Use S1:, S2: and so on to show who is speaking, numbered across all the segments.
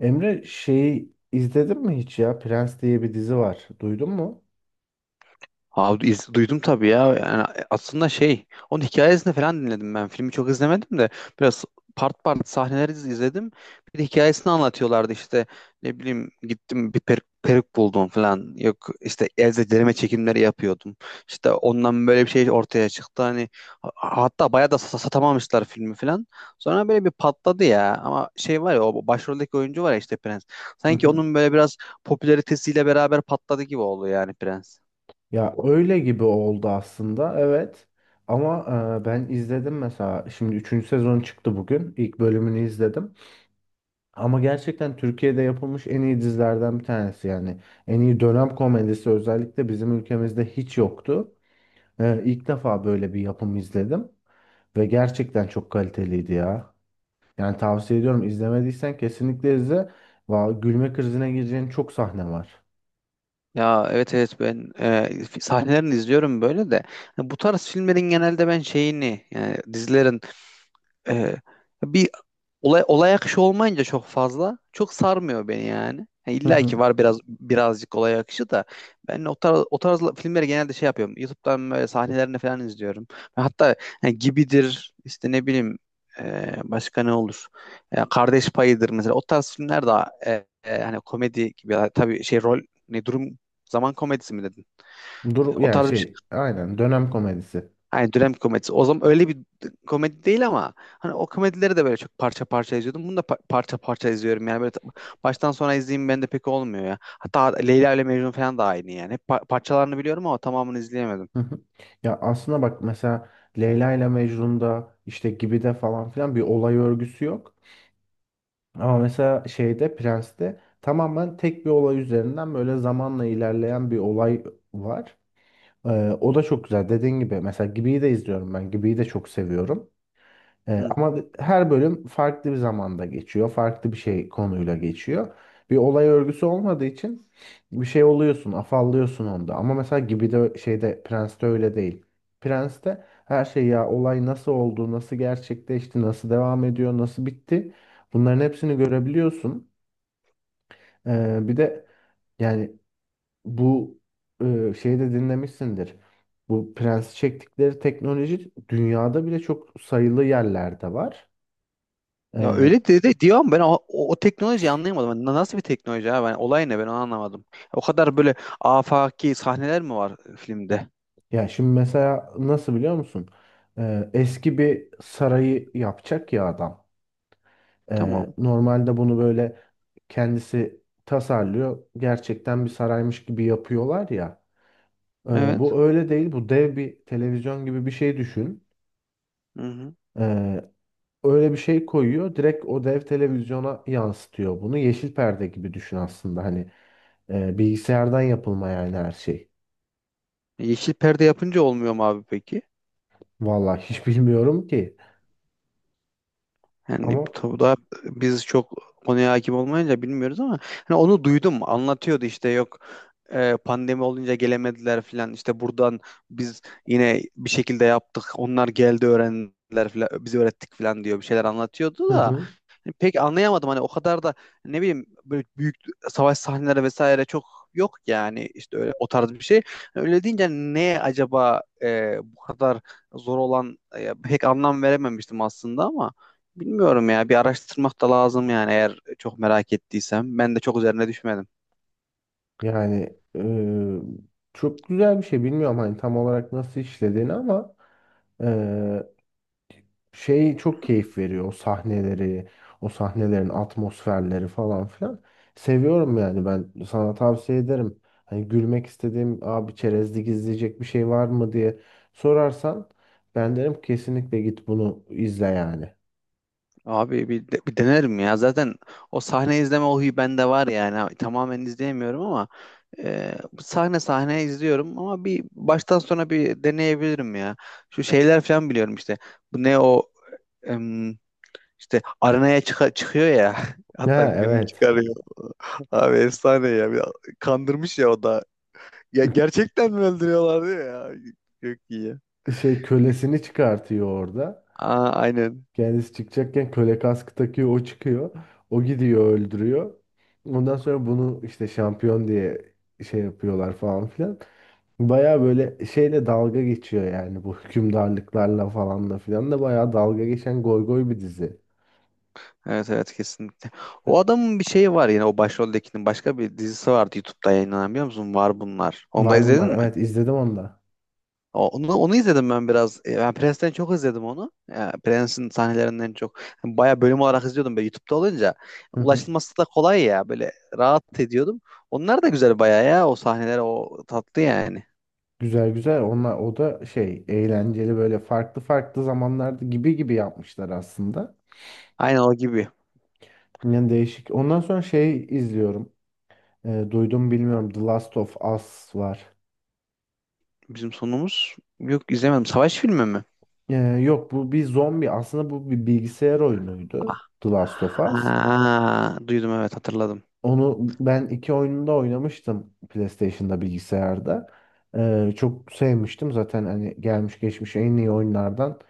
S1: Emre şeyi izledin mi hiç ya? Prens diye bir dizi var. Duydun mu?
S2: Abi duydum tabii ya. Yani aslında şey, onun hikayesini falan dinledim ben. Filmi çok izlemedim de biraz part part sahneleri izledim. Bir de hikayesini anlatıyorlardı işte ne bileyim gittim bir peruk buldum falan. Yok işte elde derime çekimleri yapıyordum. İşte ondan böyle bir şey ortaya çıktı. Hani hatta bayağı da satamamışlar filmi falan. Sonra böyle bir patladı ya. Ama şey var ya, o başroldeki oyuncu var ya işte, Prens.
S1: Hı
S2: Sanki
S1: hı.
S2: onun böyle biraz popülaritesiyle beraber patladı gibi oldu yani Prens.
S1: Ya öyle gibi oldu aslında. Evet. Ama ben izledim mesela. Şimdi üçüncü sezon çıktı bugün. İlk bölümünü izledim. Ama gerçekten Türkiye'de yapılmış en iyi dizilerden bir tanesi yani. En iyi dönem komedisi özellikle bizim ülkemizde hiç yoktu. İlk defa böyle bir yapım izledim. Ve gerçekten çok kaliteliydi ya. Yani tavsiye ediyorum. İzlemediysen kesinlikle izle. Va gülme krizine gireceğin çok sahne var.
S2: Ya evet evet, ben sahnelerini izliyorum böyle de. Hani bu tarz filmlerin genelde ben şeyini, yani dizilerin e, bir olay akışı olmayınca çok fazla, çok sarmıyor beni yani. Ha,
S1: Hı
S2: İlla ki
S1: hı.
S2: var biraz birazcık olay akışı da, ben o tarz filmleri genelde şey yapıyorum. YouTube'dan böyle sahnelerini falan izliyorum. Ve hatta ha, Gibidir işte, ne bileyim, başka ne olur? Kardeş Payı'dır mesela. O tarz filmler daha hani komedi gibi. Ya tabii, şey rol, ne durum, zaman komedisi mi dedin?
S1: Dur
S2: O
S1: yani
S2: tarz bir şey.
S1: şey aynen dönem komedisi.
S2: Hani dönem komedisi. O zaman öyle bir komedi değil, ama hani o komedileri de böyle çok parça parça izliyordum. Bunu da parça parça izliyorum. Yani böyle baştan sona izleyeyim bende pek olmuyor ya. Hatta Leyla ile Mecnun falan da aynı yani. Hep parçalarını biliyorum ama tamamını izleyemedim.
S1: Hı hı. Ya aslında bak mesela Leyla ile Mecnun'da işte gibi de falan filan bir olay örgüsü yok. Ama mesela şeyde Prens'te tamamen tek bir olay üzerinden böyle zamanla ilerleyen bir olay var. O da çok güzel. Dediğin gibi mesela Gibi'yi de izliyorum ben. Gibi'yi de çok seviyorum.
S2: Hı.
S1: Ama her bölüm farklı bir zamanda geçiyor. Farklı bir şey konuyla geçiyor. Bir olay örgüsü olmadığı için bir şey oluyorsun, afallıyorsun onda. Ama mesela gibi de şeyde Prens'te öyle değil. Prens'te her şey ya olay nasıl oldu, nasıl gerçekleşti, nasıl devam ediyor, nasıl bitti. Bunların hepsini görebiliyorsun. Bir de yani bu şeyi de dinlemişsindir. Bu Prens'i çektikleri teknoloji dünyada bile çok sayılı yerlerde var.
S2: Ya
S1: Ee,
S2: öyle dedi de, diyorum ben, o teknolojiyi anlayamadım. Hani nasıl bir teknoloji abi? Yani olay ne, ben onu anlamadım. O kadar böyle afaki sahneler mi var filmde?
S1: Ya şimdi mesela nasıl biliyor musun? Eski bir sarayı yapacak ya adam.
S2: Tamam.
S1: Normalde bunu böyle kendisi tasarlıyor. Gerçekten bir saraymış gibi yapıyorlar ya.
S2: Evet.
S1: Bu öyle değil. Bu dev bir televizyon gibi bir şey düşün.
S2: Hı hı.
S1: Ee, Öyle bir şey koyuyor. Direkt o dev televizyona yansıtıyor bunu. Yeşil perde gibi düşün aslında. Hani bilgisayardan yapılma yani her şey.
S2: Yeşil perde yapınca olmuyor mu abi peki?
S1: Vallahi hiç bilmiyorum ki.
S2: Yani
S1: Ama.
S2: tabii, daha biz çok konuya hakim olmayınca bilmiyoruz ama hani onu duydum, anlatıyordu işte, yok pandemi olunca gelemediler filan işte, buradan biz yine bir şekilde yaptık, onlar geldi öğrendiler filan, bizi öğrettik filan diyor, bir şeyler anlatıyordu
S1: Hı
S2: da.
S1: hı.
S2: Hani pek anlayamadım, hani o kadar da ne bileyim böyle büyük savaş sahneleri vesaire çok yok yani işte, öyle o tarz bir şey. Hani öyle deyince hani ne acaba bu kadar zor olan pek anlam verememiştim aslında, ama bilmiyorum ya, bir araştırmak da lazım yani, eğer çok merak ettiysem. Ben de çok üzerine düşmedim.
S1: Yani çok güzel bir şey. Bilmiyorum hani tam olarak nasıl işlediğini ama eee, şey çok keyif veriyor. O sahnelerin atmosferleri falan filan. Seviyorum yani ben sana tavsiye ederim. Hani gülmek istediğim abi çerezlik izleyecek bir şey var mı diye sorarsan ben derim kesinlikle git bunu izle yani.
S2: Abi bir denerim ya. Zaten o sahne izleme, o huyu bende var yani. Ha, tamamen izleyemiyorum ama sahne sahne izliyorum, ama bir baştan sona bir deneyebilirim ya. Şu şeyler falan biliyorum işte. Bu ne, o em, işte arenaya çıkıyor ya.
S1: Ha
S2: Hatta birini
S1: evet.
S2: çıkarıyor. Abi efsane ya. Kandırmış ya o da. Ya gerçekten mi öldürüyorlar diyor ya. Çok iyi.
S1: Şey kölesini çıkartıyor orada.
S2: Aa, aynen.
S1: Kendisi çıkacakken köle kaskı takıyor, o çıkıyor. O gidiyor öldürüyor. Ondan sonra bunu işte şampiyon diye şey yapıyorlar falan filan. Baya böyle şeyle dalga geçiyor yani bu hükümdarlıklarla falan da filan da baya dalga geçen goy bir dizi.
S2: Evet evet, kesinlikle. O adamın bir şeyi var, yine o başroldekinin başka bir dizisi vardı YouTube'da yayınlanan, biliyor musun? Var bunlar. Onu da
S1: Var
S2: izledin
S1: bunlar.
S2: mi?
S1: Evet izledim onu da.
S2: Onu izledim ben biraz. Ben Prens'ten çok izledim onu. Prens'in sahnelerinden çok. Bayağı bölüm olarak izliyordum böyle YouTube'da olunca.
S1: Hı hı.
S2: Ulaşılması da kolay ya, böyle rahat ediyordum. Onlar da güzel bayağı ya, o sahneler o tatlı yani.
S1: Güzel güzel. Onlar o da şey eğlenceli böyle farklı farklı zamanlarda gibi gibi yapmışlar aslında.
S2: Aynen, o gibi.
S1: Yani değişik. Ondan sonra şey izliyorum. Duydum bilmiyorum. The Last of Us var.
S2: Bizim sonumuz, yok izlemedim. Savaş filmi mi?
S1: E, Yok bu bir zombi. Aslında bu bir bilgisayar
S2: Ah,
S1: oyunuydu. The Last of Us.
S2: ha, duydum, evet, hatırladım.
S1: Onu ben iki oyununda oynamıştım PlayStation'da bilgisayarda. Çok sevmiştim. Zaten hani gelmiş geçmiş en iyi oyunlardan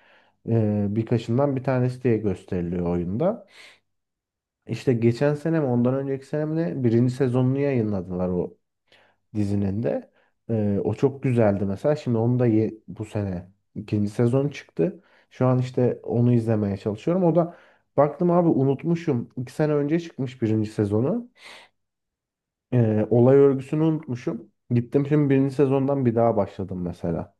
S1: birkaçından bir tanesi diye gösteriliyor oyunda. İşte geçen sene mi ondan önceki sene mi ne birinci sezonunu yayınladılar o dizinin de. O çok güzeldi mesela. Şimdi onu da bu sene ikinci sezon çıktı. Şu an işte onu izlemeye çalışıyorum. O da baktım abi unutmuşum. 2 sene önce çıkmış birinci sezonu. Olay örgüsünü unutmuşum. Gittim şimdi birinci sezondan bir daha başladım mesela.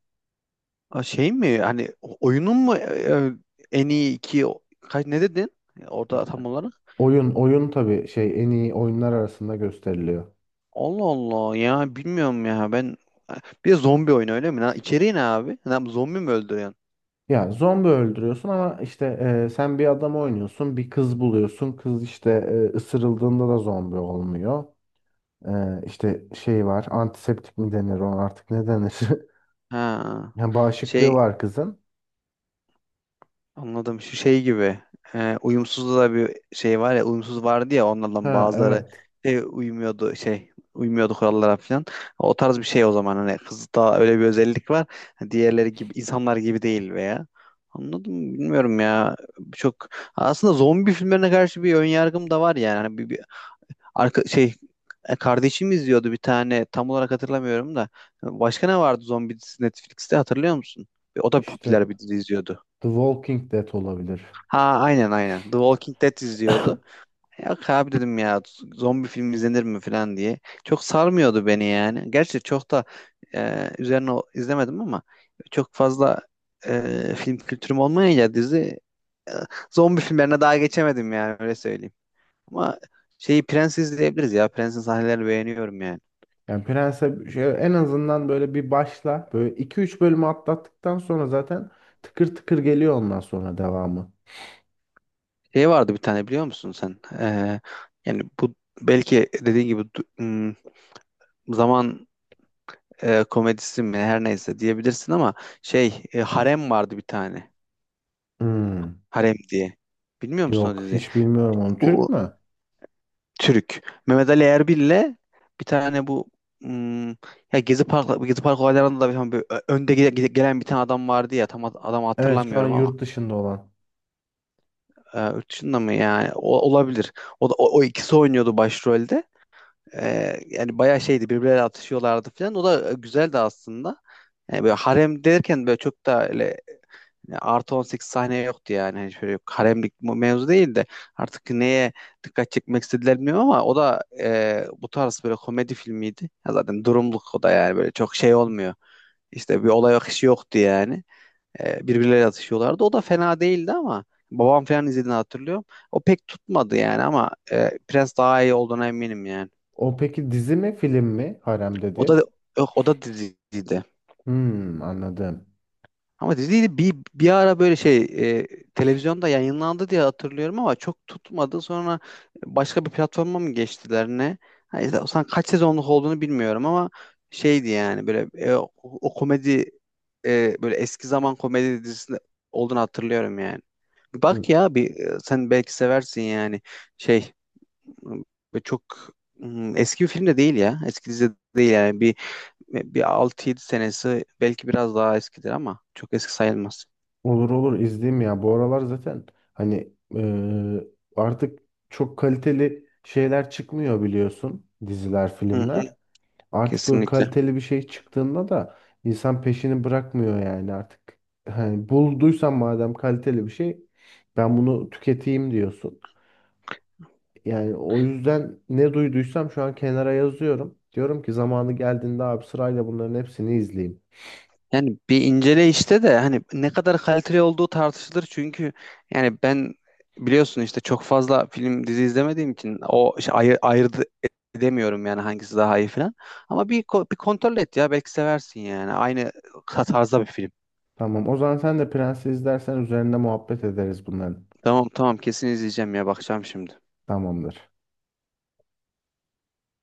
S2: Aa, şey mi, hani oyunun mu en iyi iki kaç ne dedin orada tam olarak?
S1: Oyun tabii şey en iyi oyunlar arasında gösteriliyor.
S2: Allah Allah ya, bilmiyorum ya ben, bir de zombi oyunu öyle mi? Lan? İçeriği ne abi? Lan, zombi mi öldürüyorsun?
S1: Ya zombi öldürüyorsun ama işte sen bir adam oynuyorsun, bir kız buluyorsun. Kız işte ısırıldığında da zombi olmuyor. İşte şey var. Antiseptik mi denir ona artık ne denir?
S2: Ha.
S1: Yani bağışıklığı
S2: Şey,
S1: var kızın.
S2: anladım. Şu şey gibi. Uyumsuz da bir şey var ya. Uyumsuz vardı ya, onlardan
S1: Ha
S2: bazıları
S1: evet.
S2: şey uymuyordu, şey uymuyordu kurallara falan. O tarz bir şey o zaman, hani kızda öyle bir özellik var. Hani diğerleri gibi, insanlar gibi değil veya. Anladım, bilmiyorum ya. Çok aslında zombi filmlerine karşı bir ön yargım da var yani. Hani bir arka şey, kardeşim izliyordu bir tane, tam olarak hatırlamıyorum da. Başka ne vardı zombi dizisi Netflix'te, hatırlıyor musun? O da
S1: İşte
S2: popüler bir dizi izliyordu.
S1: The Walking Dead olabilir.
S2: Ha, aynen aynen. The Walking Dead izliyordu. Yok abi, dedim ya, zombi film izlenir mi falan diye. Çok sarmıyordu beni yani. Gerçi çok da üzerine izlemedim ama çok fazla film kültürüm olmayınca dizi e, zombi filmlerine daha geçemedim yani, öyle söyleyeyim. Ama şeyi, Prens izleyebiliriz ya. Prens'in sahnelerini beğeniyorum yani.
S1: Yani Prens'e şey, en azından böyle bir başla. Böyle iki üç bölümü atlattıktan sonra zaten tıkır tıkır geliyor ondan sonra devamı.
S2: Şey vardı bir tane, biliyor musun sen? Yani bu, belki dediğin gibi zaman komedisi mi her neyse diyebilirsin ama şey Harem vardı bir tane.
S1: Hmm.
S2: Harem diye. Bilmiyor musun o
S1: Yok
S2: diziyi?
S1: hiç bilmiyorum onu.
S2: O,
S1: Türk
S2: o
S1: mü?
S2: Türk. Mehmet Ali Erbil'le bir tane, bu hmm, ya Gezi Park olaylarında da bir, hani böyle önde gelen bir tane adam vardı ya, tam adamı
S1: Evet şu an
S2: hatırlamıyorum ama
S1: yurt dışında olan.
S2: yurt dışında mı, yani o, olabilir. O da o ikisi oynuyordu başrolde. Yani bayağı şeydi, birbirleriyle atışıyorlardı falan. O da güzeldi aslında. Yani böyle harem derken, böyle çok da, yani artı 18 saniye yoktu yani. Hani şöyle haremlik mevzu değil de artık neye dikkat çekmek istediler bilmiyorum, ama o da bu tarz böyle komedi filmiydi. Ya zaten durumluk o da, yani böyle çok şey olmuyor. İşte bir olay akışı yoktu yani. Birbirleriyle atışıyorlardı. O da fena değildi ama, babam falan izlediğini hatırlıyorum. O pek tutmadı yani, ama Prens daha iyi olduğuna eminim yani.
S1: O peki dizi mi film mi? Harem
S2: O da,
S1: dedi.
S2: yok, o da diziydi.
S1: Hmm, anladım.
S2: Ama diziydi, bir ara böyle şey e, televizyonda yayınlandı diye hatırlıyorum ama çok tutmadı. Sonra başka bir platforma mı geçtiler ne? Ha, işte, o zaman kaç sezonluk olduğunu bilmiyorum ama şeydi yani, böyle o komedi, böyle eski zaman komedi dizisinde olduğunu hatırlıyorum yani. Bir bak ya, bir sen belki seversin yani, şey çok eski bir film de değil ya, eski dizi de değil yani, bir bir 6 7 senesi belki, biraz daha eskidir ama çok eski sayılmaz.
S1: Olur olur izleyeyim ya. Bu aralar zaten hani artık çok kaliteli şeyler çıkmıyor biliyorsun. Diziler,
S2: Hı hı,
S1: filmler. Artık böyle
S2: kesinlikle.
S1: kaliteli bir şey çıktığında da insan peşini bırakmıyor yani artık. Hani bulduysan madem kaliteli bir şey ben bunu tüketeyim diyorsun. Yani o yüzden ne duyduysam şu an kenara yazıyorum. Diyorum ki zamanı geldiğinde abi sırayla bunların hepsini izleyeyim.
S2: Yani bir incele işte de, hani ne kadar kaliteli olduğu tartışılır çünkü, yani ben, biliyorsun işte çok fazla film dizi izlemediğim için o şey, ayırt edemiyorum yani hangisi daha iyi falan. Ama bir kontrol et ya, belki seversin yani. Aynı tarzda bir film.
S1: Tamam o zaman sen de Prens'i izlersen üzerinde muhabbet ederiz bunların.
S2: Tamam tamam, kesin izleyeceğim ya, bakacağım şimdi.
S1: Tamamdır.